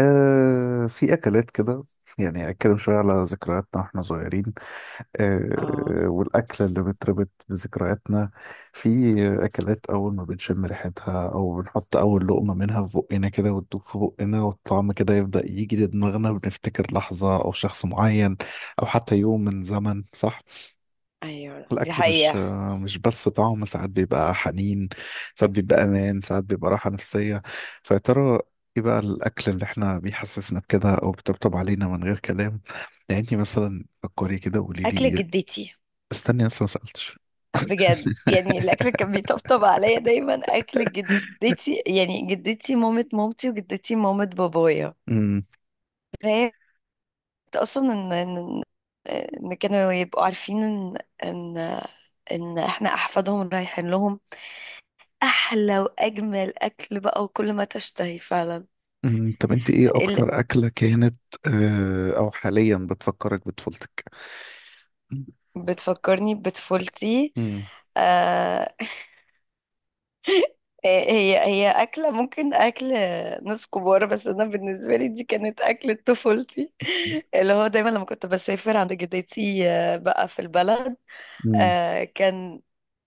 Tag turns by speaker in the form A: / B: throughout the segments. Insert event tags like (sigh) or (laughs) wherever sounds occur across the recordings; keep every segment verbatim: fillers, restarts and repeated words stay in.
A: آه في أكلات كده، يعني أتكلم شوية على ذكرياتنا وإحنا صغيرين.
B: اه،
A: آه والأكلة اللي بتربط بذكرياتنا، في أكلات أول ما بنشم ريحتها أو بنحط أول لقمة منها في بقنا كده وتدوب في بقنا والطعم كده يبدأ يجي لدماغنا بنفتكر لحظة أو شخص معين أو حتى يوم من زمن، صح؟
B: ايوه، دي
A: الأكل مش
B: حقيقة.
A: مش بس طعم، ساعات بيبقى حنين، ساعات بيبقى أمان، ساعات بيبقى راحة نفسية. فيا ترى إيه بقى الأكل اللي إحنا بيحسسنا بكده أو بيطبطب علينا من غير كلام؟ يعني أنت مثلا فكري كده وقولي لي
B: اكل
A: إيه.
B: جدتي.
A: استني لسه ما سألتش.
B: بجد يعني الاكل اللي كان بيطبطب عليا دايما اكل جدتي، يعني جدتي مامة مامتي وجدتي مامة بابايا.
A: أمم،
B: فهي اصلا ان ان ان كانوا يبقوا عارفين ان ان ان احنا احفادهم رايحين لهم احلى واجمل اكل بقى، وكل ما تشتهي فعلا.
A: أمم، طب أنت إيه
B: ال-
A: أكتر أكلة كانت آه، أو حاليا بتفكرك بطفولتك؟
B: بتفكرني بطفولتي.
A: أمم،
B: آه (laughs) هي هي أكلة ممكن أكل ناس كبار، بس أنا بالنسبة لي دي كانت أكلة طفولتي. (laughs) اللي هو دايما لما كنت بسافر عند جدتي آه، بقى في البلد.
A: أمم،
B: آه، كان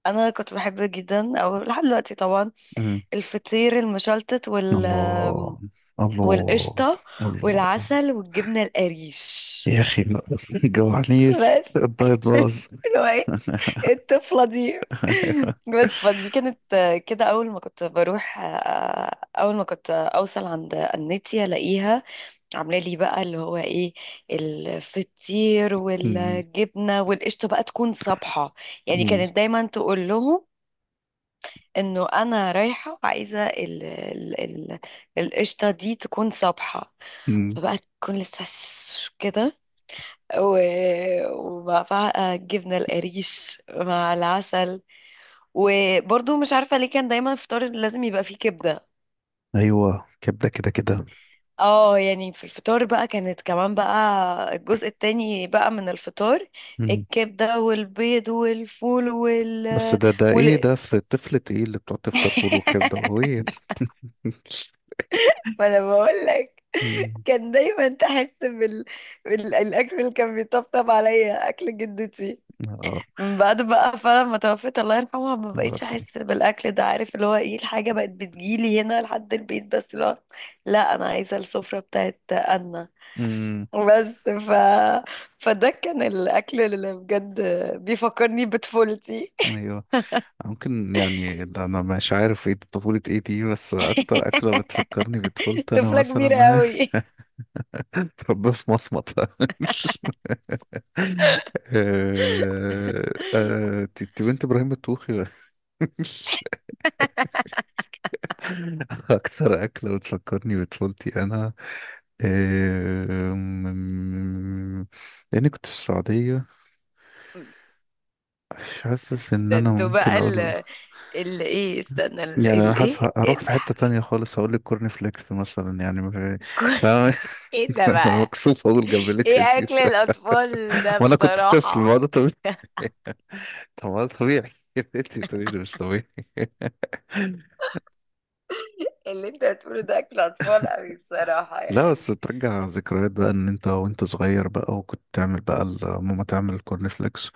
B: أنا كنت بحب جدا، أو لحد دلوقتي طبعا،
A: أمم.
B: الفطير المشلتت وال آم،
A: الله. الله.
B: والقشطة
A: الله.
B: والعسل والجبنة القريش،
A: يا اخي ما (laughs) جوعنيش
B: بس.
A: الدايت
B: (laughs)
A: باظ.
B: اللي هو إيه؟ الطفلة دي.
A: (laughs)
B: بس فدي كانت آه، كده، أول ما كنت بروح آه، أول ما كنت أوصل عند النتي، ألاقيها عاملة لي بقى اللي هو إيه، الفطير
A: أمم،
B: والجبنة والقشطة بقى تكون صبحة. يعني
A: أمم،
B: كانت دايما تقول لهم إنه أنا رايحة وعايزة ال- ال- ال- القشطة دي تكون صبحة،
A: أمم.
B: فبقى تكون لسه ش- كده، و... وبقى بقى الجبنة القريش مع العسل. وبرضو مش عارفة ليه كان دايما الفطار لازم يبقى فيه كبدة.
A: ايوه، كبده كده كده.
B: اه، يعني في الفطار بقى كانت كمان بقى الجزء التاني بقى من الفطار،
A: أمم.
B: الكبدة والبيض والفول وال
A: بس ده ده ايه
B: وال
A: ده، في الطفل ايه اللي بتقعد تفطر فول وكبده
B: (laughs)
A: وهي (laughs)
B: ما انا بقول لك،
A: أمم،
B: كان دايما تحس بال... بال... الاكل اللي كان بيطبطب عليا اكل جدتي.
A: اه،
B: من بعد بقى فعلا ما توفيت الله يرحمها، ما
A: الله
B: بقيتش احس
A: يرحمه.
B: بالاكل ده، عارف اللي هو ايه، الحاجه بقت بتجيلي هنا لحد البيت، بس اللي هو لا، انا عايزه السفره بتاعت انا.
A: أمم،
B: بس ف فده كان الاكل اللي بجد بيفكرني بطفولتي.
A: ايوه، ممكن، يعني ده انا مش عارف ايه طفوله ايه دي، بس اكتر اكله بتفكرني
B: (laughs)
A: بطفولتي انا
B: طفله كبيره
A: مثلا
B: قوي.
A: (laughs) تربيه في مصمت. آه، آه، ت- ت- بنت ابراهيم الطوخي. (laughs) اكثر اكله بتفكرني بطفولتي انا، آه، م- م- م- لاني كنت في السعوديه، مش حاسس
B: (laughs)
A: ان
B: ده
A: انا
B: انتوا
A: ممكن
B: بقى ال
A: اقول.
B: ال ايه، استنى ال
A: يعني انا
B: ال
A: حاسس ه-
B: ايه
A: هروح
B: ال...
A: في حته تانية خالص، هقول لك كورن فليكس مثلا، يعني مش- فاهم.
B: (laughs) ايه ده
A: (laughs) انا
B: بقى؟
A: مكسوف اقول جملتي
B: ايه
A: انت.
B: اكل الاطفال ده
A: ما انا كنت طفل، ما هو
B: بصراحه؟
A: ده طبيعي. طب ما ده طبيعي (laughs) انت بتقولي لي مش طبيعي.
B: اللي انت بتقوله ده اكل اطفال قوي بصراحة،
A: لا
B: يعني
A: بس بترجع ذكريات بقى ان انت وانت صغير بقى وكنت تعمل بقى ال- ماما تعمل الكورن فليكس،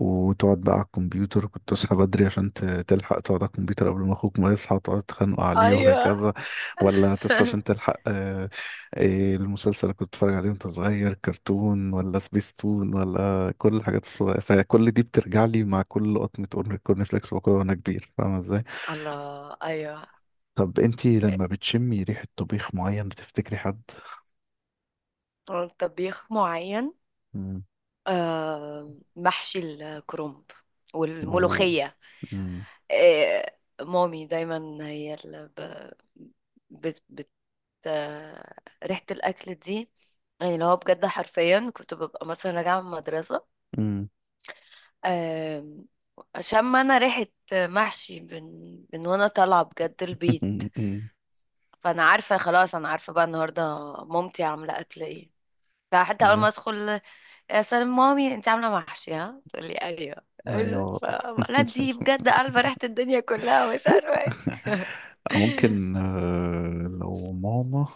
A: وتقعد بقى على الكمبيوتر، كنت تصحى بدري عشان ت- تلحق تقعد على الكمبيوتر قبل ما اخوك ما يصحى وتقعد تتخانقوا عليه
B: ايوه. (laughs)
A: وهكذا، ولا تصحى عشان تلحق آه، إيه المسلسل اللي كنت بتتفرج عليه وانت صغير، كرتون ولا سبيستون، ولا كل الحاجات الصغيرة، فكل دي بترجع لي مع كل لقطة كورن كورن فليكس باكلها وانا كبير، فاهمة ازاي؟
B: الله، ايوه.
A: طب انتي لما بتشمي ريحة طبيخ معين بتفتكري حد؟
B: طبيخ معين، آه، محشي الكرنب
A: مم.
B: والملوخية. آه، مامي دايما هي اللي ب- بت بت آه، ريحة الأكل دي، يعني اللي هو بجد حرفيا كنت ببقى مثلا راجعة من المدرسة،
A: うんうん.
B: آم، شم أنا ريحة محشي من من وأنا طالعة بجد البيت،
A: (laughs)
B: فانا عارفه خلاص، انا عارفه بقى النهارده مامتي عامله اكل ايه. فحتى اول ما
A: ايوه،
B: ادخل، يا سلام مامي انت عامله محشي؟ ها تقول لي ايوه، أيوة.
A: أيوة.
B: ف- لا دي بجد عارفه ريحه الدنيا كلها، مش عارفه ايه.
A: (laughs)
B: (laughs)
A: ممكن آه، لو ماما،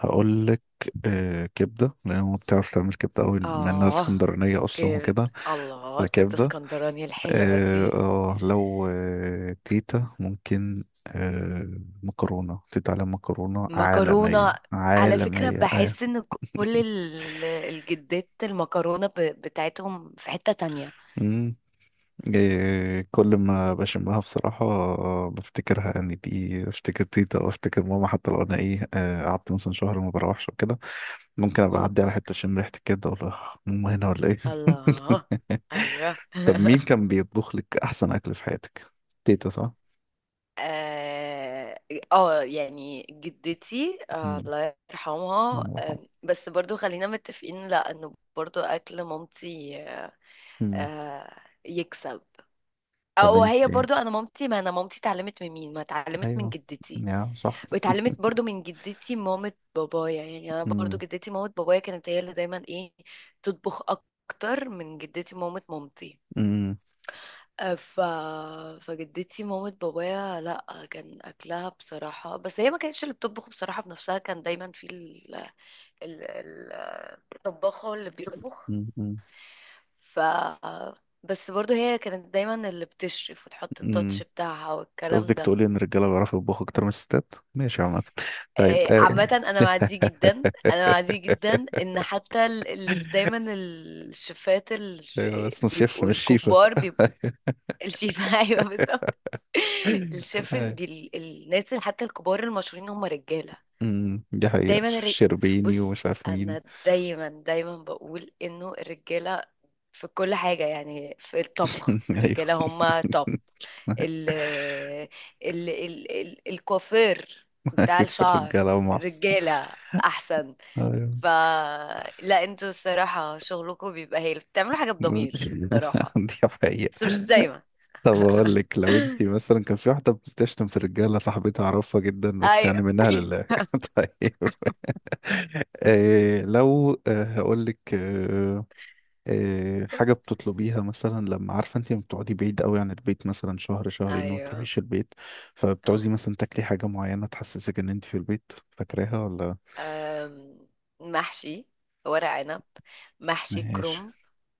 A: هقول لك آه، كبده، لان ماما بتعرف تعمل كبده قوي، بما انها
B: اه،
A: اسكندرانيه اصلا
B: كبد،
A: وكده.
B: الله، كبده
A: فكبده.
B: اسكندراني الحلوه
A: اه
B: دي.
A: آه، لو آه، تيتا، ممكن آه، مكرونه، تيتا على مكرونه
B: مكرونه،
A: عالميه،
B: على فكره
A: عالميه ايوه.
B: بحس ان كل ال- الجدات المكرونه ب- بتاعتهم في حته تانية.
A: (laughs) إيه، كل ما بشمها بصراحة بفتكرها، يعني دي بفتكر تيتا أو أفتكر ماما، حتى لو أنا إيه آه، قعدت مثلا شهر ما بروحش وكده، ممكن أبقى
B: مم.
A: أعدي على حتة أشم ريحة الكبدة أقول لها ماما هنا ولا إيه؟
B: الله، ايوه.
A: (laughs) طب
B: (laughs)
A: مين كان بيطبخ لك أحسن أكل في حياتك؟ تيتا صح؟
B: اه، آه، يعني جدتي، آه
A: مم.
B: الله يرحمها،
A: الله
B: آه
A: يرحمها.
B: بس برضو خلينا متفقين لا، انه برضو اكل مامتي. آه
A: مم.
B: آه، يكسب،
A: طب
B: او هي
A: أنت.
B: برضو، انا مامتي، ما انا مامتي اتعلمت من مين؟ ما اتعلمت من
A: أيوه.
B: جدتي.
A: يا صح.
B: واتعلمت
A: (laughs)
B: برضو من جدتي مامة بابايا، يعني انا برضو
A: مم.
B: جدتي مامة بابايا كانت هي اللي دايما ايه، تطبخ اكتر من جدتي مامة مامتي.
A: مم.
B: ف... فجدتي مامة بابايا، لا كان اكلها بصراحة، بس هي ما كانتش اللي بتطبخ بصراحة بنفسها، كان دايما في ال... ال... ال- الطباخة هو اللي بيطبخ.
A: مم.
B: ف بس برضو هي كانت دايما اللي بتشرف وتحط التاتش
A: مم.
B: بتاعها
A: أنت
B: والكلام
A: قصدك
B: ده.
A: تقولي ان الرجاله بيعرفوا يطبخوا اكتر من الستات، ماشي، عامه. طيب
B: إيه، عامة
A: آه.
B: أنا مع دي جدا، أنا مع دي جدا
A: (laughs)
B: إن حتى ال... ال... دايما الشيفات ال...
A: أيوة،
B: آه،
A: بس مش شيف،
B: بيبقوا
A: مش شيفه.
B: الكبار، بيبقوا الشيفة. (laughs) أيوه بالظبط.
A: (laughs)
B: (laughs) الشيف، ال-
A: أيوة.
B: دي ال- الناس اللي حتى الكبار المشهورين هم رجالة.
A: أمم، دي حقيقه،
B: دايما
A: شيف
B: الرج...
A: شربيني
B: بص،
A: ومش عارف مين.
B: انا دايما دايما بقول انه الرجالة في كل حاجة، يعني في الطبخ
A: (laughs) ايوه.
B: الرجالة هم توب.
A: (laughs)
B: ال ال ال ال الكوافير بتاع
A: ايوه
B: الشعر،
A: الرجاله ومعص.
B: رجالة احسن.
A: ايوه.
B: ف لا انتوا الصراحة شغلكم بيبقى هايل، بتعملوا حاجة بضمير
A: (laughs)
B: صراحة،
A: دي
B: بس
A: حقيقه.
B: مش دايما.
A: طب اقول لك، لو انت مثلا
B: (laughs)
A: كان في واحده بتشتم في الرجاله، صاحبتي اعرفها جدا بس
B: ايوه.
A: يعني منها لله (laughs) طيب، إيه لو آه، هقول لك آه، آه، حاجة
B: (laughs)
A: بتطلبيها مثلا لما عارفة انت بتقعدي بعيد قوي عن البيت مثلا شهر شهرين وما
B: ايوه.
A: تروحيش البيت،
B: اه،
A: فبتعوزي مثلا تاكلي حاجة معينة تحسسك ان انت في البيت، فاكراها ولا؟
B: آم، محشي ورق عنب، محشي
A: ماشي.
B: كروم،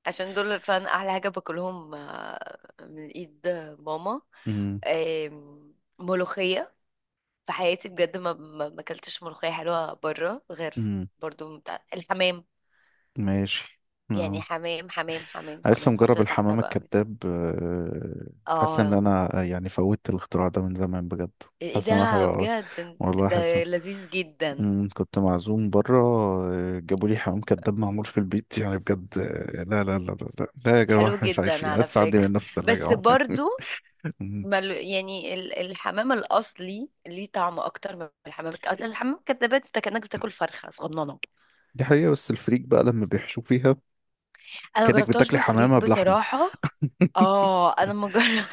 B: عشان دول فعلا احلى حاجه باكلهم آه، من ايد ماما.
A: امم،
B: آم، ملوخيه، في حياتي بجد ما ما ما اكلتش ملوخيه حلوه بره، غير
A: امم،
B: برضو بتاع الحمام.
A: ماشي آه.
B: يعني حمام حمام حمام
A: أنا لسه
B: حمام، حط
A: مجرب
B: تحتها
A: الحمام
B: بقى ميت-
A: الكذاب، آه، حاسس ان
B: اه،
A: انا آه، يعني فوتت الاختراع ده من زمان بجد،
B: ايه
A: حاسس ان هو
B: ده
A: حلو قوي،
B: بجد،
A: والله حاسس.
B: ده لذيذ جدا،
A: مم، كنت معزوم بره، آه، جابوا لي حمام كداب معمول في البيت، يعني بجد آه، لا لا لا لا لا، لا يا
B: حلو
A: جماعة، مش
B: جدا
A: عايشين،
B: على
A: لسه عندي
B: فكره.
A: منه في التلاجة
B: بس
A: أهو.
B: برضو
A: (laughs) مم.
B: ما ال- يعني ال- الحمام الاصلي ليه طعم اكتر من الحمام الك- أصل الحمام الكدابات انت كانك بتاكل فرخه صغننه.
A: دي حقيقة، بس الفريك بقى لما بيحشوا فيها
B: انا ما
A: كأنك
B: جربتهاش
A: بتاكلي
B: بالفريك
A: حمامة بلحمة.
B: بصراحه. اه، انا ما جر-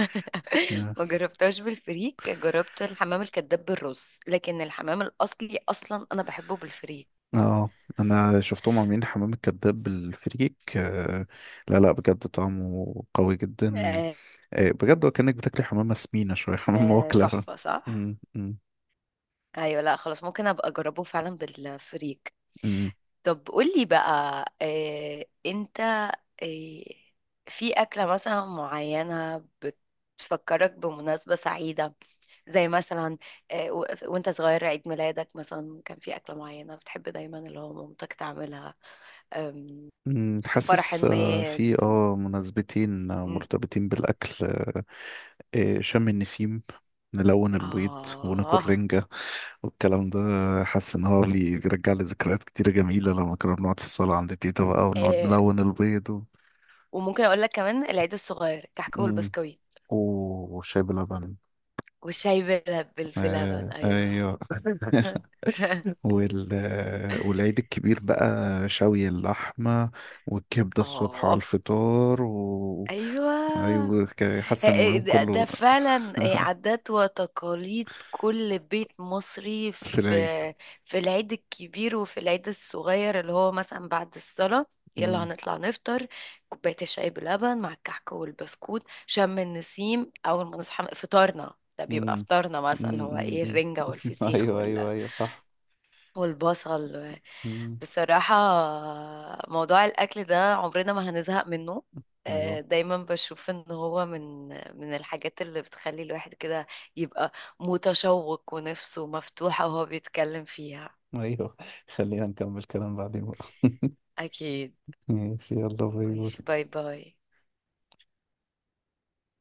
A: اه
B: (laughs) ما جربتهاش بالفريك، جربت الحمام الكداب بالرز. لكن الحمام الاصلي اصلا انا بحبه بالفريك.
A: آه، انا شفتهم عاملين حمام الكداب بالفريك، آه، لا لا بجد طعمه قوي جدا،
B: آه،
A: آه، بجد، وكأنك بتاكلي حمامة سمينة شوية (laughs) حمامة
B: آه،
A: واكلة.
B: تحفه، صح.
A: مم، مم،
B: ايوه، لا خلاص ممكن ابقى اجربه فعلا بالفريك.
A: مم.
B: طب قولي بقى، آه، انت آه، في أكلة مثلا معينة بتفكرك بمناسبة سعيدة؟ زي مثلا آه، و- وانت صغير عيد ميلادك، مثلا كان في أكلة معينة بتحب دايما اللي هو مامتك تعملها. آم،
A: مم،
B: في فرح
A: حاسس
B: ما
A: آه، في اه مناسبتين آه،
B: م-
A: مرتبطين بالأكل. إيه، شم النسيم، نلون البيض وناكل
B: آه
A: رنجة والكلام ده، حاسس ان هو بيرجع لي ذكريات كتيرة جميلة لما كنا بنقعد في الصالة عند تيتا بقى ونقعد
B: آه،
A: نلون البيض و...
B: وممكن أقول لك كمان العيد الصغير، كحك
A: مم.
B: والبسكويت
A: وشاي بلبن.
B: والشاي بال- بال- بلبن،
A: آه،
B: أيوه.
A: ايوه. (laughs)
B: (laughs)
A: وال... والعيد الكبير بقى، شوي اللحمة والكبدة الصبح على
B: اه،
A: الفطار و...
B: ايوه.
A: ايوه ك- حاسس ان اليوم
B: ده
A: كله
B: ده فعلا إيه، عادات وتقاليد كل بيت مصري
A: في العيد.
B: في في العيد الكبير وفي العيد الصغير، اللي هو مثلا بعد الصلاة يلا هنطلع نفطر، كوباية الشاي بلبن مع الكحك والبسكوت. شم النسيم أول ما نصحى فطارنا ده، بيبقى
A: مم.
B: فطارنا مثلا اللي
A: مم.
B: هو
A: مم.
B: ايه،
A: مم.
B: الرنجة
A: (laughs)
B: والفسيخ
A: ايوه
B: وال-
A: ايوه ايوه صح.
B: والبصل.
A: مم.
B: بصراحة موضوع الأكل ده عمرنا ما هنزهق منه، آه،
A: ايوه
B: دايما بشوف ان هو من من الحاجات اللي بتخلي الواحد كده يبقى متشوق ونفسه مفتوحة وهو بيتكلم فيها.
A: ايوه. (laughs) خلينا نكمل كلام بعدين بقى.
B: أكيد.
A: (laughs) ماشي، يلا باي
B: ماشي،
A: باي.
B: باي باي.